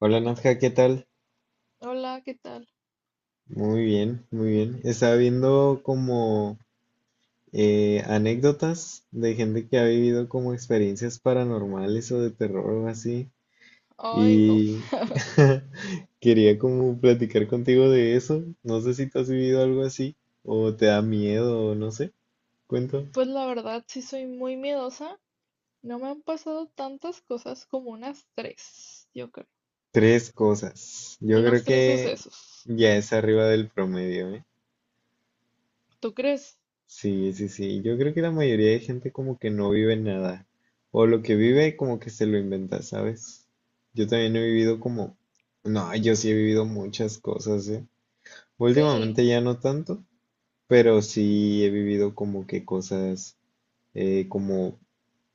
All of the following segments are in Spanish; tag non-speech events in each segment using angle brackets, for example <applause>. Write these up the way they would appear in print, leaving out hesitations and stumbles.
Hola Nadja, ¿qué tal? Hola, ¿qué tal? Muy bien, muy bien. Estaba viendo como anécdotas de gente que ha vivido como experiencias paranormales o de terror o así. Ay, no. Y <laughs> <laughs> quería como platicar contigo de eso. No sé si tú has vivido algo así o te da miedo o no sé. Cuento. Pues la verdad, sí soy muy miedosa. No me han pasado tantas cosas como unas tres, yo creo. Tres cosas. Yo creo Unos tres que sucesos. ya es arriba del promedio, ¿eh? ¿Tú crees? Sí, sí, sí. Yo creo que la mayoría de gente como que no vive nada. O lo que vive como que se lo inventa, ¿sabes? Yo también he vivido como... No, yo sí he vivido muchas cosas, ¿eh? Sí, Últimamente ya no tanto, pero sí he vivido como que cosas como,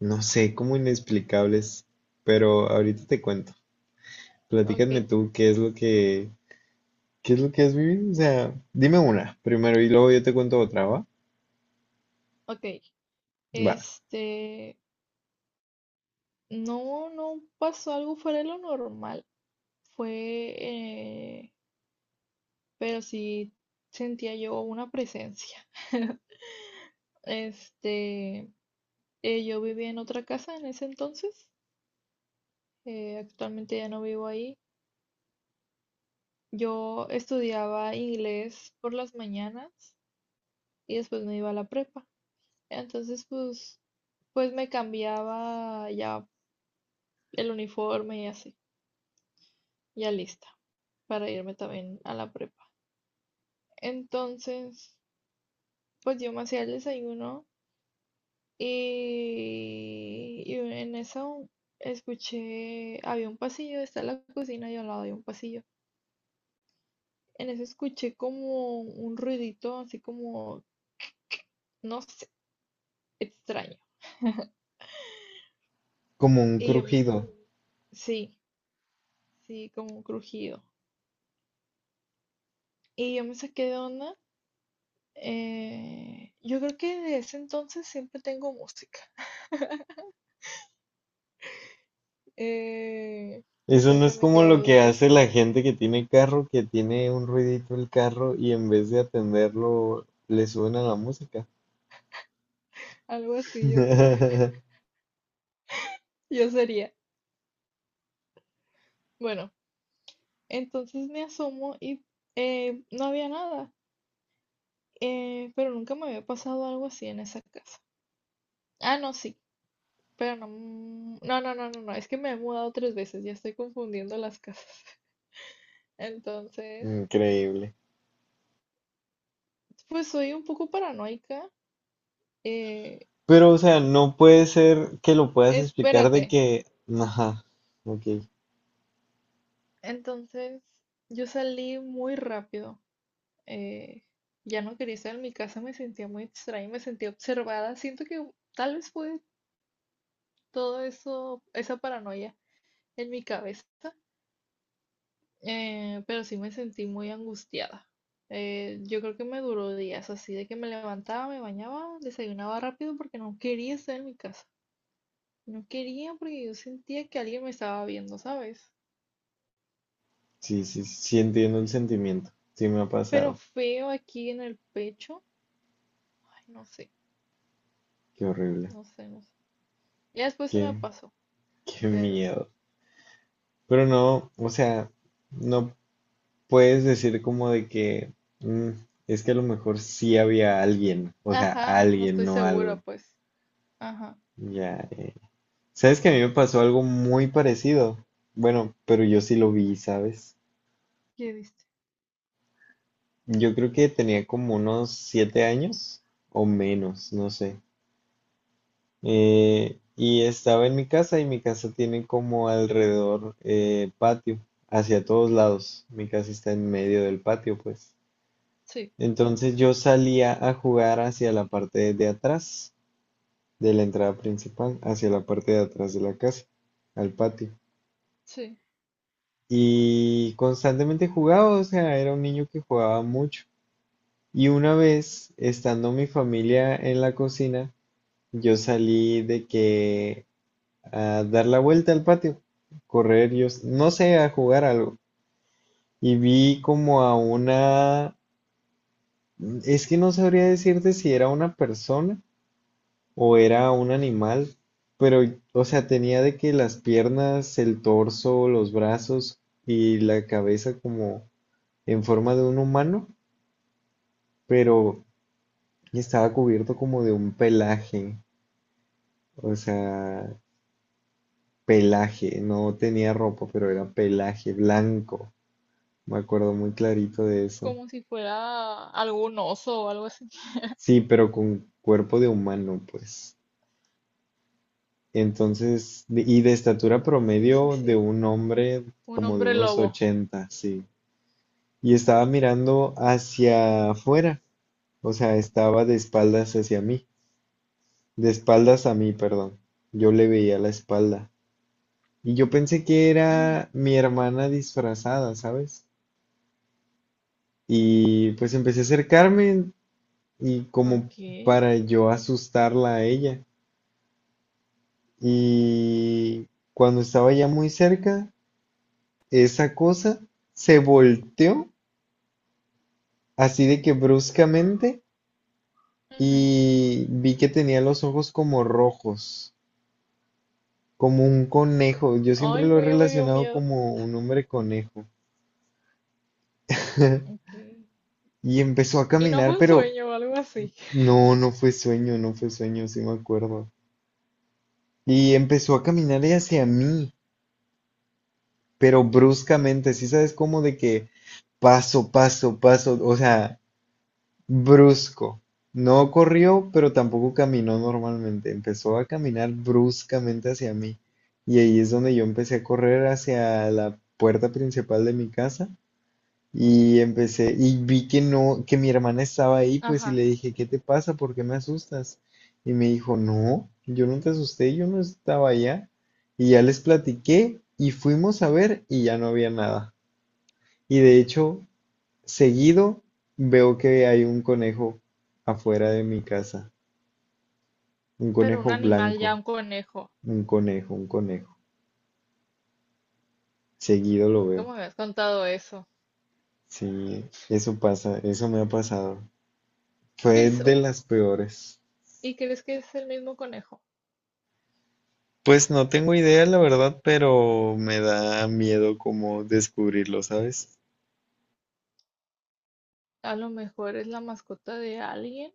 no sé, como inexplicables. Pero ahorita te cuento. ok, Platícame tú qué es lo que, qué es lo que has vivido. O sea, dime una primero y luego yo te cuento otra, ¿va? ok. Va. Este, no, no pasó algo fuera de lo normal. Fue, eh, pero sí sentía yo una presencia. <laughs> Este, yo vivía en otra casa en ese entonces. Actualmente ya no vivo ahí. Yo estudiaba inglés por las mañanas y después me iba a la prepa. Entonces, pues, pues me cambiaba ya el uniforme y así, ya lista para irme también a la prepa. Entonces, pues yo me hacía el desayuno y en eso escuché, había un pasillo, está la cocina y al lado había un pasillo. En eso escuché como un ruidito, así como, no sé, extraño. Como un Y yo, crujido. sí. Sí, como un crujido. Y yo me saqué de onda. Yo creo que de ese entonces siempre tengo música. Eh, no Eso sé, no se es me como quedó, lo yo que creo. hace la gente que tiene carro, que tiene un ruidito el carro y en vez de atenderlo le suben a la música. Algo así, yo creo. <laughs> <laughs> Yo sería. Bueno, entonces me asomo y no había nada. Pero nunca me había pasado algo así en esa casa. Ah, no, sí. Pero no, no, no, no, no, no. Es que me he mudado tres veces. Ya estoy confundiendo las casas. <laughs> Entonces, Increíble. pues soy un poco paranoica. eh, Pero, o sea, no puede ser que lo puedas explicar Espérate. de que, ajá, ok, Entonces, yo salí muy rápido. eh, ya no quería estar en mi casa, me sentía muy extraña, me sentía observada. Siento que tal vez fue todo eso, esa paranoia en mi cabeza, pero sí me sentí muy angustiada. Yo creo que me duró días así de que me levantaba, me bañaba, desayunaba rápido porque no quería estar en mi casa. No quería porque yo sentía que alguien me estaba viendo, ¿sabes? sí, sí, sí entiendo el sentimiento, sí me ha Pero pasado, feo aquí en el pecho. Ay, no sé. qué horrible, No sé, no sé. Ya después se qué, me pasó, qué pero sí. miedo. Pero no, o sea, no puedes decir como de que "Mm, es que a lo mejor sí había alguien, o sea, Ajá, no alguien, estoy no segura, algo. pues. Ajá, Ya, eh. ¿Sabes que a mí me pasó algo muy parecido? Bueno, pero yo sí lo vi, ¿sabes? ¿qué viste? Yo creo que tenía como unos 7 años o menos, no sé. Y estaba en mi casa y mi casa tiene como alrededor patio, hacia todos lados. Mi casa está en medio del patio, pues. Sí, Entonces yo salía a jugar hacia la parte de atrás de la entrada principal, hacia la parte de atrás de la casa, al patio. sí. Y constantemente jugaba, o sea, era un niño que jugaba mucho. Y una vez, estando mi familia en la cocina, yo salí de que a dar la vuelta al patio, correr, no sé, a jugar algo. Y vi como a una, es que no sabría decirte si era una persona o era un animal, pero, o sea, tenía de que las piernas, el torso, los brazos y la cabeza como en forma de un humano, pero estaba cubierto como de un pelaje, o sea, pelaje, no tenía ropa, pero era pelaje blanco, me acuerdo muy clarito de eso. Como si fuera algún oso o algo así. Sí, pero con cuerpo de humano, pues. Entonces, y de estatura Sí, sí, promedio de sí. un hombre Un como de hombre unos lobo. 80 sí. Y estaba mirando hacia afuera, o sea, estaba de espaldas hacia mí, de espaldas a mí, perdón. Yo le veía la espalda y yo pensé que Ujú, era mi hermana disfrazada, ¿sabes? Y pues empecé a acercarme y como ok. para yo asustarla a ella. Y cuando estaba ya muy cerca, esa cosa se volteó así de que bruscamente Ujú. y vi que tenía los ojos como rojos. Como un conejo, yo siempre Ay, lo he no, ya me dio relacionado miedo. como un hombre conejo. Ok. <laughs> Y empezó a ¿Y no caminar, fue un pero sueño o algo así? no, no fue sueño, no fue sueño, sí me acuerdo. Y empezó a caminar hacia mí, pero bruscamente, sí sabes cómo de que paso, paso, paso, o sea, brusco. No corrió, pero tampoco caminó normalmente. Empezó a caminar bruscamente hacia mí. Y ahí es donde yo empecé a correr hacia la puerta principal de mi casa. Y empecé, y vi que no, que mi hermana estaba ahí, pues, y Ajá. le dije, ¿qué te pasa? ¿Por qué me asustas? Y me dijo, no, yo no te asusté, yo no estaba allá. Y ya les platiqué y fuimos a ver y ya no había nada. Y de hecho, seguido veo que hay un conejo afuera de mi casa, un Pero un conejo animal ya, blanco, un conejo. un conejo, un conejo. Seguido lo Nunca me veo. habías contado eso. Sí, eso pasa, eso me ha pasado. Fue ¿Ves de un... las peores. y crees que es el mismo conejo? Pues no tengo idea, la verdad, pero me da miedo como descubrirlo, ¿sabes? A lo mejor es la mascota de alguien.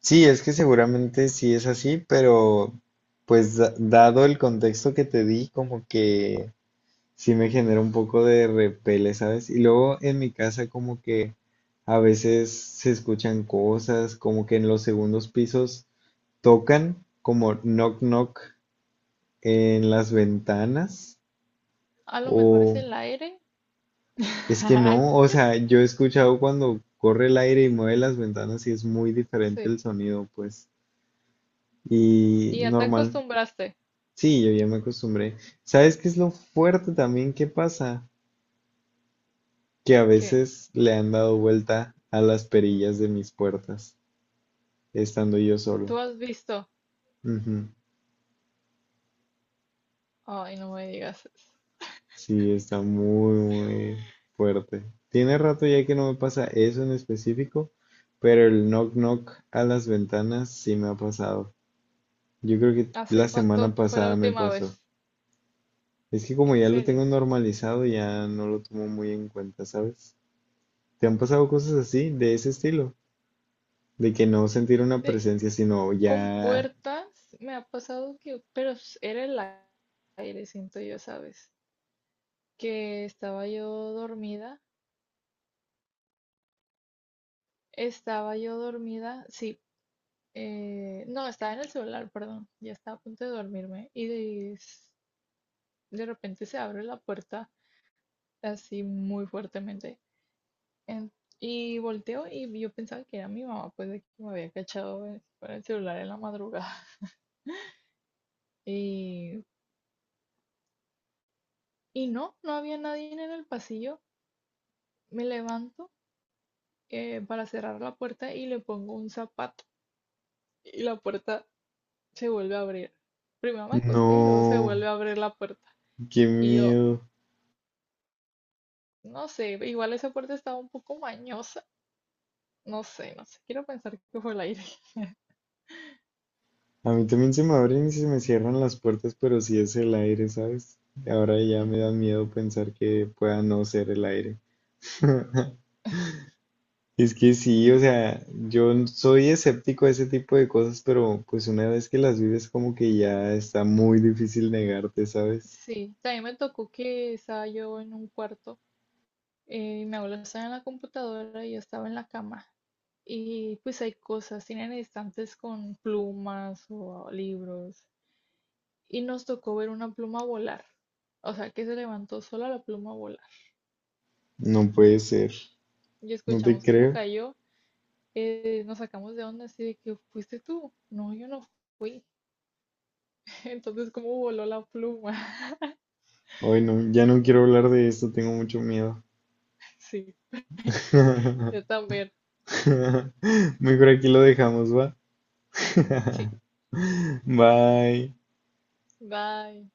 Sí, es que seguramente sí es así, pero pues dado el contexto que te di, como que sí me genera un poco de repele, ¿sabes? Y luego en mi casa como que a veces se escuchan cosas, como que en los segundos pisos tocan como knock knock en las ventanas A lo mejor es o. el aire. Es que <laughs> no, o sea, yo he escuchado cuando corre el aire y mueve las ventanas y es muy diferente Sí. el sonido, pues. Y ¿Y ya te normal, acostumbraste? sí, yo ya me acostumbré. ¿Sabes qué es lo fuerte también que pasa? Que a ¿Qué? veces le han dado vuelta a las perillas de mis puertas, estando yo ¿Tú solo. has visto? Ujú. Ay, no me digas eso. Sí, está muy, muy fuerte. Tiene rato ya que no me pasa eso en específico, pero el knock knock a las ventanas sí me ha pasado. Yo creo que ¿Hace la semana cuánto fue la pasada me última pasó. vez? Es que como ¿En ya lo tengo serio? normalizado, ya no lo tomo muy en cuenta, ¿sabes? ¿Te han pasado cosas así, de ese estilo? De que no sentir una Sí, presencia, sino con ya... puertas me ha pasado que... Pero era el aire, siento yo, ¿sabes? Que estaba yo dormida. Estaba yo dormida, sí. No, estaba en el celular, perdón. Ya estaba a punto de dormirme. Y de, repente se abre la puerta así muy fuertemente. En- y volteo y yo pensaba que era mi mamá, pues de que me había cachado con el celular en la madrugada. <laughs> Y, y no, no había nadie en el pasillo. Me levanto para cerrar la puerta y le pongo un zapato. Y la puerta se vuelve a abrir. Primero me acosté y luego se vuelve No, a abrir la puerta. qué Y yo, miedo. No sé, igual esa puerta estaba un poco mañosa. No sé, no sé. Quiero pensar que fue el aire. A mí también se me abren y se me cierran las puertas, pero sí es el aire, ¿sabes? Ahora ya me da Ujú. miedo pensar que pueda no ser el aire. <laughs> Es que sí, o sea, soy escéptico a ese tipo de cosas, pero pues una vez que las vives como que ya está muy difícil negarte, ¿sabes? Sí, también me tocó que estaba yo en un cuarto. Y mi abuela estaba en la computadora y yo estaba en la cama. Y pues hay cosas, tienen estantes con plumas o libros. Y nos tocó ver una pluma volar. O sea, que se levantó sola la pluma a volar. No puede ser, Y no te escuchamos cómo creo. cayó. Nos sacamos de onda así de que fuiste tú. No, yo no fui. Entonces, ¿cómo voló la pluma? <laughs> Ay, no, ya no quiero hablar de esto, tengo mucho miedo. Sí, <laughs> yo <laughs> también. Mejor aquí lo dejamos, ¿va? Sí, <laughs> Bye. bye.